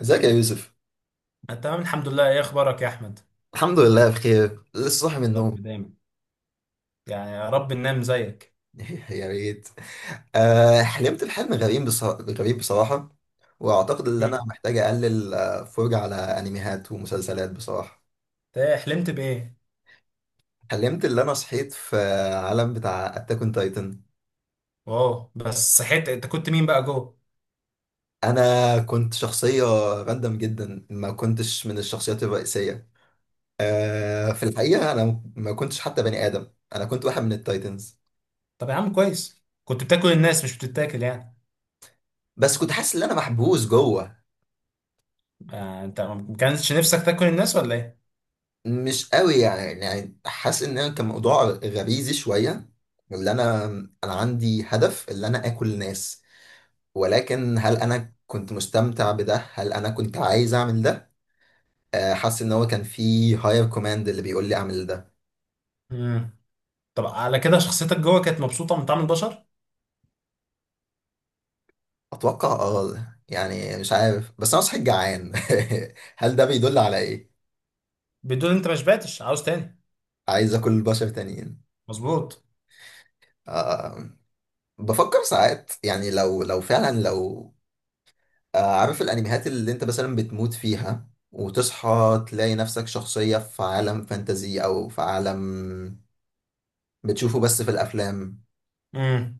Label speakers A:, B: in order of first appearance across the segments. A: ازيك يا يوسف.
B: أنا تمام الحمد لله. إيه أخبارك يا أحمد؟
A: الحمد لله بخير، لسه صاحي من
B: رب
A: النوم.
B: دايما، يعني يا رب ننام زيك.
A: يا ريت. حلمت بحلم غريب بصراحة، غريب بصراحة. واعتقد ان انا
B: مم.
A: محتاج اقلل فرجة على انميات ومسلسلات بصراحة.
B: إيه؟ إيه حلمت بإيه؟
A: حلمت ان انا صحيت في عالم بتاع اتاك اون تايتن.
B: واو، بس صحيت أنت كنت مين بقى جوه؟
A: انا كنت شخصية راندم جدا، ما كنتش من الشخصيات الرئيسية. في الحقيقة انا ما كنتش حتى بني ادم، انا كنت واحد من التايتنز.
B: طب يا عم، كويس كنت بتاكل الناس مش بتتاكل يعني.
A: بس كنت حاسس ان انا محبوس جوه.
B: آه، أنت ما كانش نفسك تاكل الناس ولا إيه؟
A: مش قوي يعني حاسس ان انا كان موضوع غريزي شويه. اللي انا انا عندي هدف، اللي انا اكل ناس. ولكن هل انا كنت مستمتع بده؟ هل انا كنت عايز اعمل ده؟ حاسس ان هو كان في هاير كوماند اللي بيقول لي اعمل ده.
B: مم. طب على كده شخصيتك جوه كانت مبسوطة من طعم البشر؟
A: اتوقع، يعني مش عارف، بس انا صحيح جعان. هل ده بيدل على ايه؟
B: بتقول أنت ما شبعتش، عاوز تاني.
A: عايز اكل بشر تانيين.
B: مظبوط.
A: آه، بفكر ساعات يعني، لو فعلا لو... عارف الانميات اللي انت مثلا بتموت فيها وتصحى تلاقي نفسك شخصية في عالم فانتزي او في عالم بتشوفه بس في الافلام.
B: مم.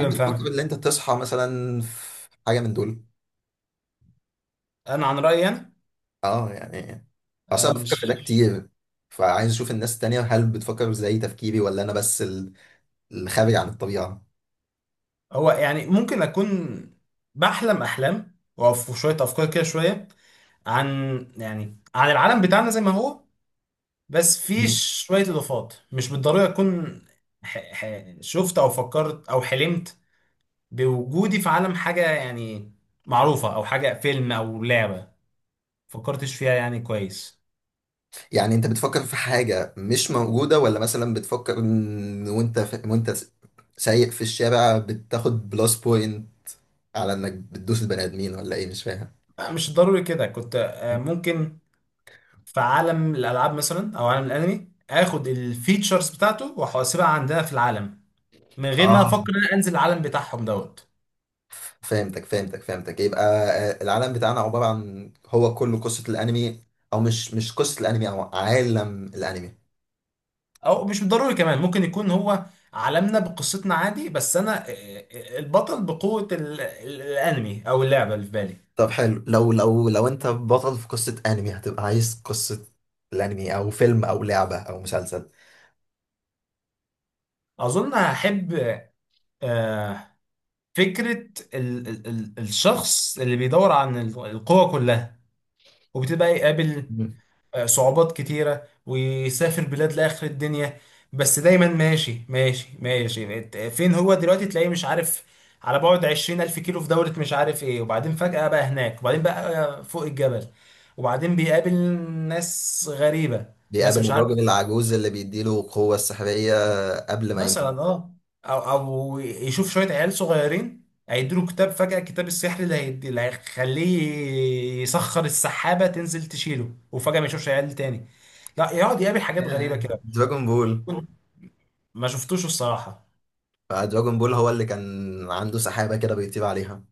A: هل بتفكر
B: فاهم.
A: ان انت تصحى مثلا في حاجة من دول؟
B: أنا عن رأيي أنا،
A: اه، يعني
B: آه
A: اصلا بفكر في ده
B: مش،
A: كتير، فعايز اشوف الناس التانية، هل بتفكر زي تفكيري ولا انا بس الخارج عن الطبيعة.
B: هو يعني ممكن أكون بحلم أحلام وفي شوية أفكار كده، شوية عن يعني عن العالم بتاعنا زي ما هو، بس في
A: مم.
B: شوية إضافات مش بالضرورة تكون. ح... ح... شفت أو فكرت أو حلمت بوجودي في عالم، حاجة يعني معروفة أو حاجة فيلم أو لعبة، فكرتش فيها يعني كويس.
A: يعني انت بتفكر في حاجة مش موجودة، ولا مثلا بتفكر إن وانت وانت سايق في الشارع بتاخد بلس بوينت على انك بتدوس البني ادمين؟ ولا ايه؟ مش فاهم.
B: مش ضروري كده، كنت ممكن في عالم الألعاب مثلا أو عالم الأنمي آخد الفيتشرز بتاعته وأحاسبها عندنا في العالم، من غير ما
A: اه،
B: أفكر إن أنا أنزل العالم بتاعهم دوت.
A: فهمتك، فهمتك، فهمتك، يبقى العالم بتاعنا عبارة عن هو كله قصة الأنمي. أو مش قصة الأنمي، أو عالم الأنمي.
B: او مش ضروري كمان، ممكن يكون هو عالمنا بقصتنا عادي، بس انا البطل بقوة الانمي او اللعبة اللي في بالي.
A: طب حلو، لو أنت بطل في قصة أنمي، هتبقى عايز قصة الأنمي أو فيلم أو لعبة أو مسلسل؟
B: اظن هحب آه، فكرة ال ال ال الشخص اللي بيدور عن القوة كلها، وبتبقى يقابل
A: مم.
B: صعوبات كتيرة ويسافر بلاد لآخر الدنيا، بس دايما ماشي ماشي ماشي، فين هو دلوقتي تلاقيه مش عارف، على بعد 20 ألف كيلو في دولة مش عارف ايه، وبعدين فجأة بقى هناك، وبعدين بقى فوق الجبل، وبعدين بيقابل ناس غريبة، ناس
A: بيقابل
B: مش عارف
A: الراجل العجوز اللي بيديله القوة السحرية قبل ما يموت.
B: مثلا اه. أو أو يشوف شوية عيال صغيرين هيديله كتاب فجأة، كتاب السحر اللي هيدي اللي هيخليه يسخر السحابة تنزل تشيله، وفجأة ما يشوفش عيال تاني، لا يقعد يقابل حاجات
A: آه،
B: غريبة كده.
A: دراجون بول.
B: كنت ما شفتوش الصراحة.
A: فدراجون بول هو اللي كان عنده سحابة كده بيطير عليها.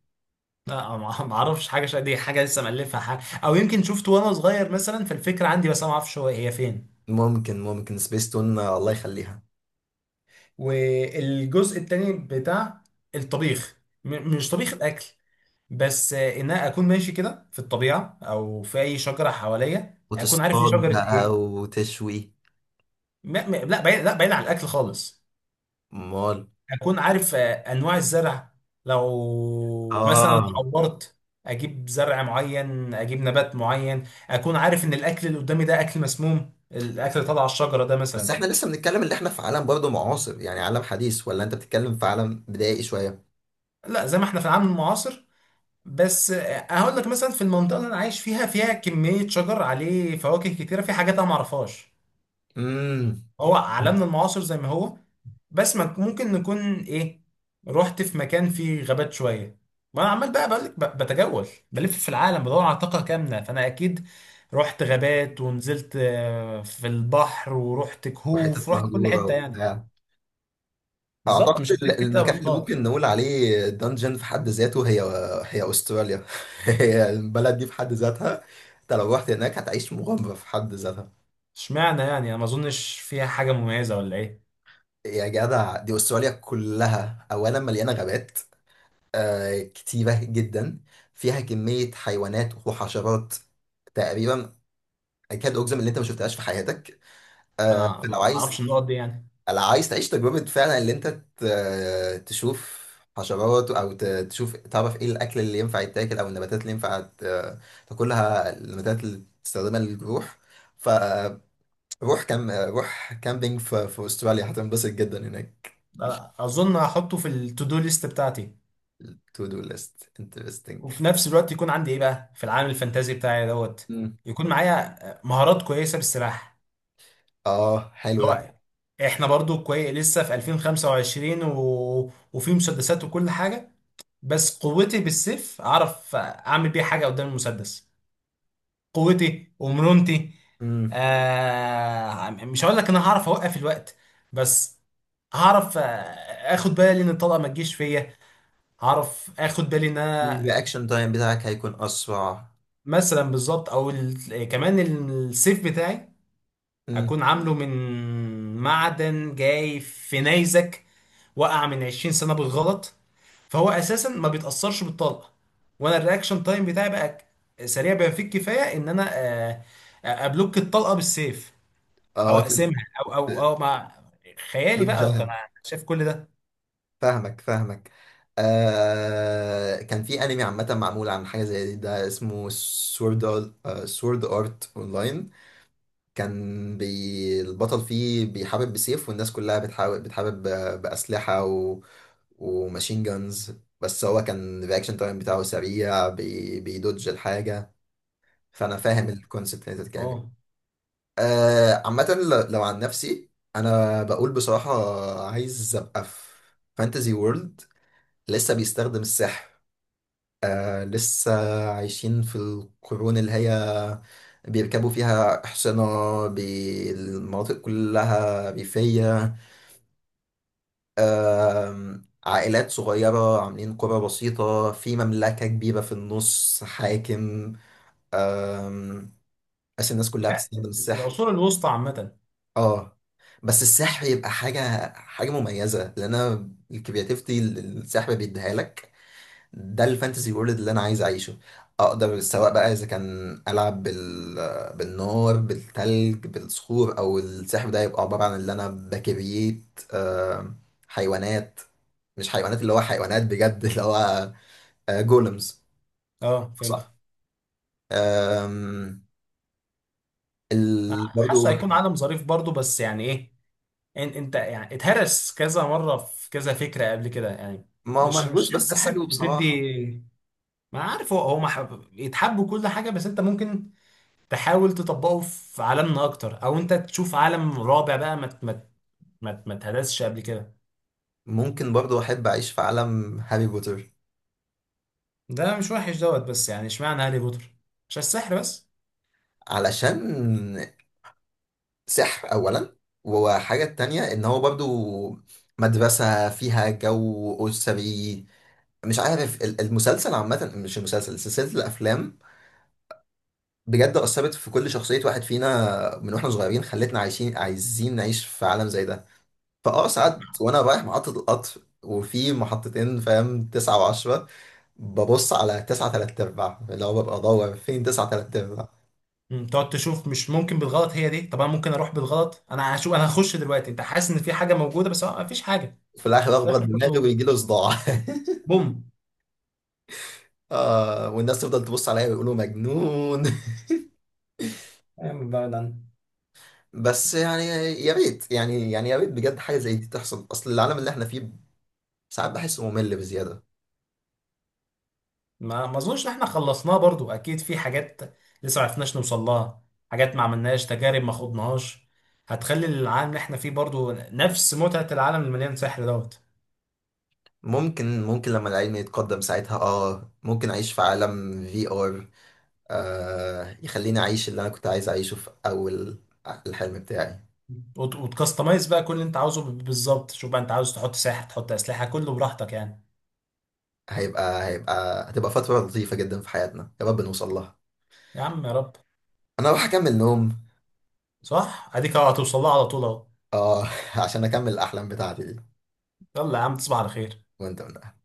B: لا ما ما اعرفش حاجة دي حاجة لسه مألفها، حاجة او يمكن شفته وانا صغير مثلا، فالفكرة عندي، بس انا ما اعرفش هو هي فين.
A: ممكن سبيس تون، الله يخليها.
B: والجزء التاني بتاع الطبيخ، مش طبيخ الاكل، بس ان انا اكون ماشي كده في الطبيعة او في اي شجرة حواليا اكون عارف دي
A: وتصطاد
B: شجرة
A: بقى
B: ايه.
A: وتشوي.
B: لا بعيد، لا بعيد عن الاكل خالص.
A: امال؟
B: اكون عارف انواع الزرع، لو مثلا
A: اه،
B: اتعورت اجيب زرع معين، اجيب نبات معين، اكون عارف ان الاكل اللي قدامي ده اكل مسموم، الاكل اللي طالع على الشجره ده
A: بس
B: مثلا.
A: احنا لسه بنتكلم اللي احنا في عالم برضه معاصر، يعني عالم حديث، ولا انت بتتكلم في عالم بدائي شويه؟
B: لا زي ما احنا في العالم المعاصر، بس هقول لك مثلا في المنطقه اللي انا عايش فيها، فيها كميه شجر عليه فواكه كتيره، في حاجات انا ما اعرفهاش.
A: امم.
B: هو عالمنا المعاصر زي ما هو، بس ما ممكن نكون ايه، رحت في مكان فيه غابات شويه، وانا عمال بقى بقول لك بتجول بلف في العالم بدور على طاقه كامله، فانا اكيد رحت غابات ونزلت في البحر ورحت كهوف،
A: وحتت
B: رحت كل
A: مهجوره
B: حته يعني.
A: وبتاع.
B: بالظبط، مش
A: اعتقد
B: هسيب حته
A: المكان اللي
B: رحتها.
A: ممكن نقول عليه دنجن في حد ذاته، هي استراليا. هي البلد دي في حد ذاتها. انت لو رحت هناك هتعيش مغامره في حد ذاتها.
B: اشمعنى يعني، انا ما اظنش فيها حاجه مميزه ولا ايه.
A: يا جدع، دي استراليا كلها اولا مليانه غابات، كتيرة جدا. فيها كمية حيوانات وحشرات تقريبا أكاد أجزم إن أنت ما شفتهاش في حياتك.
B: انا
A: فلو
B: ما ما اعرفش
A: عايز،
B: النقط دي يعني.
A: لو عايز تعيش تجربة فعلا إن أنت تشوف حشرات، أو تشوف، تعرف إيه الأكل اللي ينفع يتاكل أو النباتات اللي ينفع تاكلها، النباتات اللي تستخدمها للجروح. فروح، كام روح كامبينج في أستراليا، هتنبسط جدا هناك.
B: أ- اظن هحطه في التو دو ليست بتاعتي.
A: to do list interesting.
B: وفي نفس الوقت يكون عندي ايه بقى في العالم الفانتازي بتاعي دوت.
A: مم.
B: يكون معايا مهارات كويسه بالسلاح،
A: اه حلو.
B: اللي هو احنا برضو كويس لسه في 2025 وفي مسدسات وكل حاجه، بس قوتي بالسيف اعرف اعمل بيها حاجه قدام المسدس. قوتي ومرونتي.
A: ده
B: مش هقول لك ان انا هعرف اوقف الوقت، بس هعرف، اخد بالي ان الطلقه ما تجيش فيا، هعرف اخد بالي ان انا
A: الرياكشن تايم بتاعك هيكون اسرع.
B: مثلا بالظبط، او كمان السيف بتاعي
A: مم.
B: اكون عامله من معدن جاي في نيزك وقع من 20 سنة بالغلط، فهو اساسا ما بيتأثرش بالطلقة، وانا الرياكشن تايم بتاعي بقى سريع بما فيه الكفاية ان انا ابلوك الطلقة بالسيف،
A: اه،
B: او اقسمها، او او
A: ت-
B: او مع خيالي بقى كان
A: تتجاهل.
B: شايف كل ده.
A: فاهمك، فاهمك. كان في انمي عامه معمول عن حاجه زي دي، ده اسمه سورد، سورد ارت اونلاين. كان البطل فيه بيحارب بسيف، والناس كلها بتحارب باسلحه و... وماشين جانز. بس هو كان الرياكشن تايم بتاعه سريع، بيدوج الحاجه. فانا فاهم الكونسيبت اللي انت بتتكلم.
B: اه،
A: عامة، لو عن نفسي، أنا بقول بصراحة عايز أبقى في فانتزي وورلد لسه بيستخدم السحر، لسه عايشين في القرون اللي هي بيركبوا فيها أحصنة، المناطق كلها ريفية، آه عائلات صغيرة عاملين قرى بسيطة في مملكة كبيرة في النص حاكم، آه بس الناس كلها
B: لا،
A: بتستخدم السحر.
B: العصور الوسطى عامة.
A: اه، بس السحر يبقى حاجة مميزة، لأن أنا الكرياتيفيتي اللي السحر بيديها لك. ده الفانتسي وورلد اللي أنا عايز أعيشه. أقدر سواء بقى، إذا كان ألعب بالنار، بالتلج، بالصخور، أو السحر، ده يبقى عبارة عن اللي أنا بكريت آه، حيوانات. مش حيوانات، اللي هو حيوانات بجد، اللي هو جولمز.
B: اه فهمت.
A: صح. آم،
B: حاسه
A: برضو.
B: هيكون عالم ظريف برضو، بس يعني ايه، انت يعني اتهرس كذا مره في كذا فكره قبل كده يعني.
A: ما هو
B: مش
A: مهووس، بس
B: حاسك
A: حلو بصراحة.
B: بتدي، ما عارف، هو هو يتحب كل حاجه، بس انت ممكن تحاول تطبقه في عالمنا اكتر، او انت تشوف عالم رابع بقى ما اتهرسش قبل كده.
A: ممكن برضو احب اعيش في عالم هاري بوتر.
B: ده مش وحش دوت، بس يعني اشمعنى هاري بوتر، عشان السحر بس.
A: علشان سحر اولا، وحاجة تانية ان هو برضو مدرسة فيها جو اسري. مش عارف، المسلسل عامة، مش المسلسل سلسلة الافلام بجد اثرت في كل شخصية واحد فينا من واحنا صغيرين، خلتنا عايزين نعيش في عالم زي ده. فاه ساعات وانا رايح محطة القطر وفي محطتين، فاهم، 9 و10، ببص على 9 و3/4، اللي هو ببقى أدور فين 9 و3/4.
B: مم، تقعد تشوف، مش ممكن بالغلط هي دي، طب انا ممكن اروح بالغلط، انا هشوف، انا هخش دلوقتي، انت حاسس ان في حاجه موجوده بس هو مفيش حاجه.
A: في الاخر
B: في
A: اخبط
B: الاخر
A: دماغي
B: كله،
A: ويجي له صداع.
B: بوم.
A: والناس تفضل تبص عليا ويقولوا مجنون.
B: فاهم بقى ده.
A: بس يعني يا ريت، يعني يا ريت بجد حاجه زي دي تحصل، اصل العالم اللي احنا فيه ساعات بحسه ممل بزياده.
B: ما ما اظنش ان احنا خلصناه برضو، اكيد في حاجات لسه ما عرفناش نوصل لها، حاجات ما عملناش تجارب، ما خضناهاش، هتخلي العالم اللي احنا فيه برضو نفس متعة العالم المليان سحر دوت.
A: ممكن لما العلم يتقدم، ساعتها ممكن اعيش في عالم VR، يخليني اعيش اللي انا كنت عايز اعيشه في اول الحلم بتاعي.
B: وتكستمايز بقى كل اللي انت عاوزه، بالظبط، شوف بقى انت عاوز تحط ساحر، تحط اسلحة، كله براحتك يعني.
A: هيبقى هيبقى هتبقى فتره لطيفه جدا في حياتنا، يا رب نوصل لها.
B: يا عم يا رب.
A: انا راح اكمل نوم.
B: صح، اديك اهو هتوصل لها على طول اهو.
A: اه، عشان اكمل الاحلام بتاعتي دي.
B: يلا يا عم، تصبح على خير.
A: وانت من أهلك.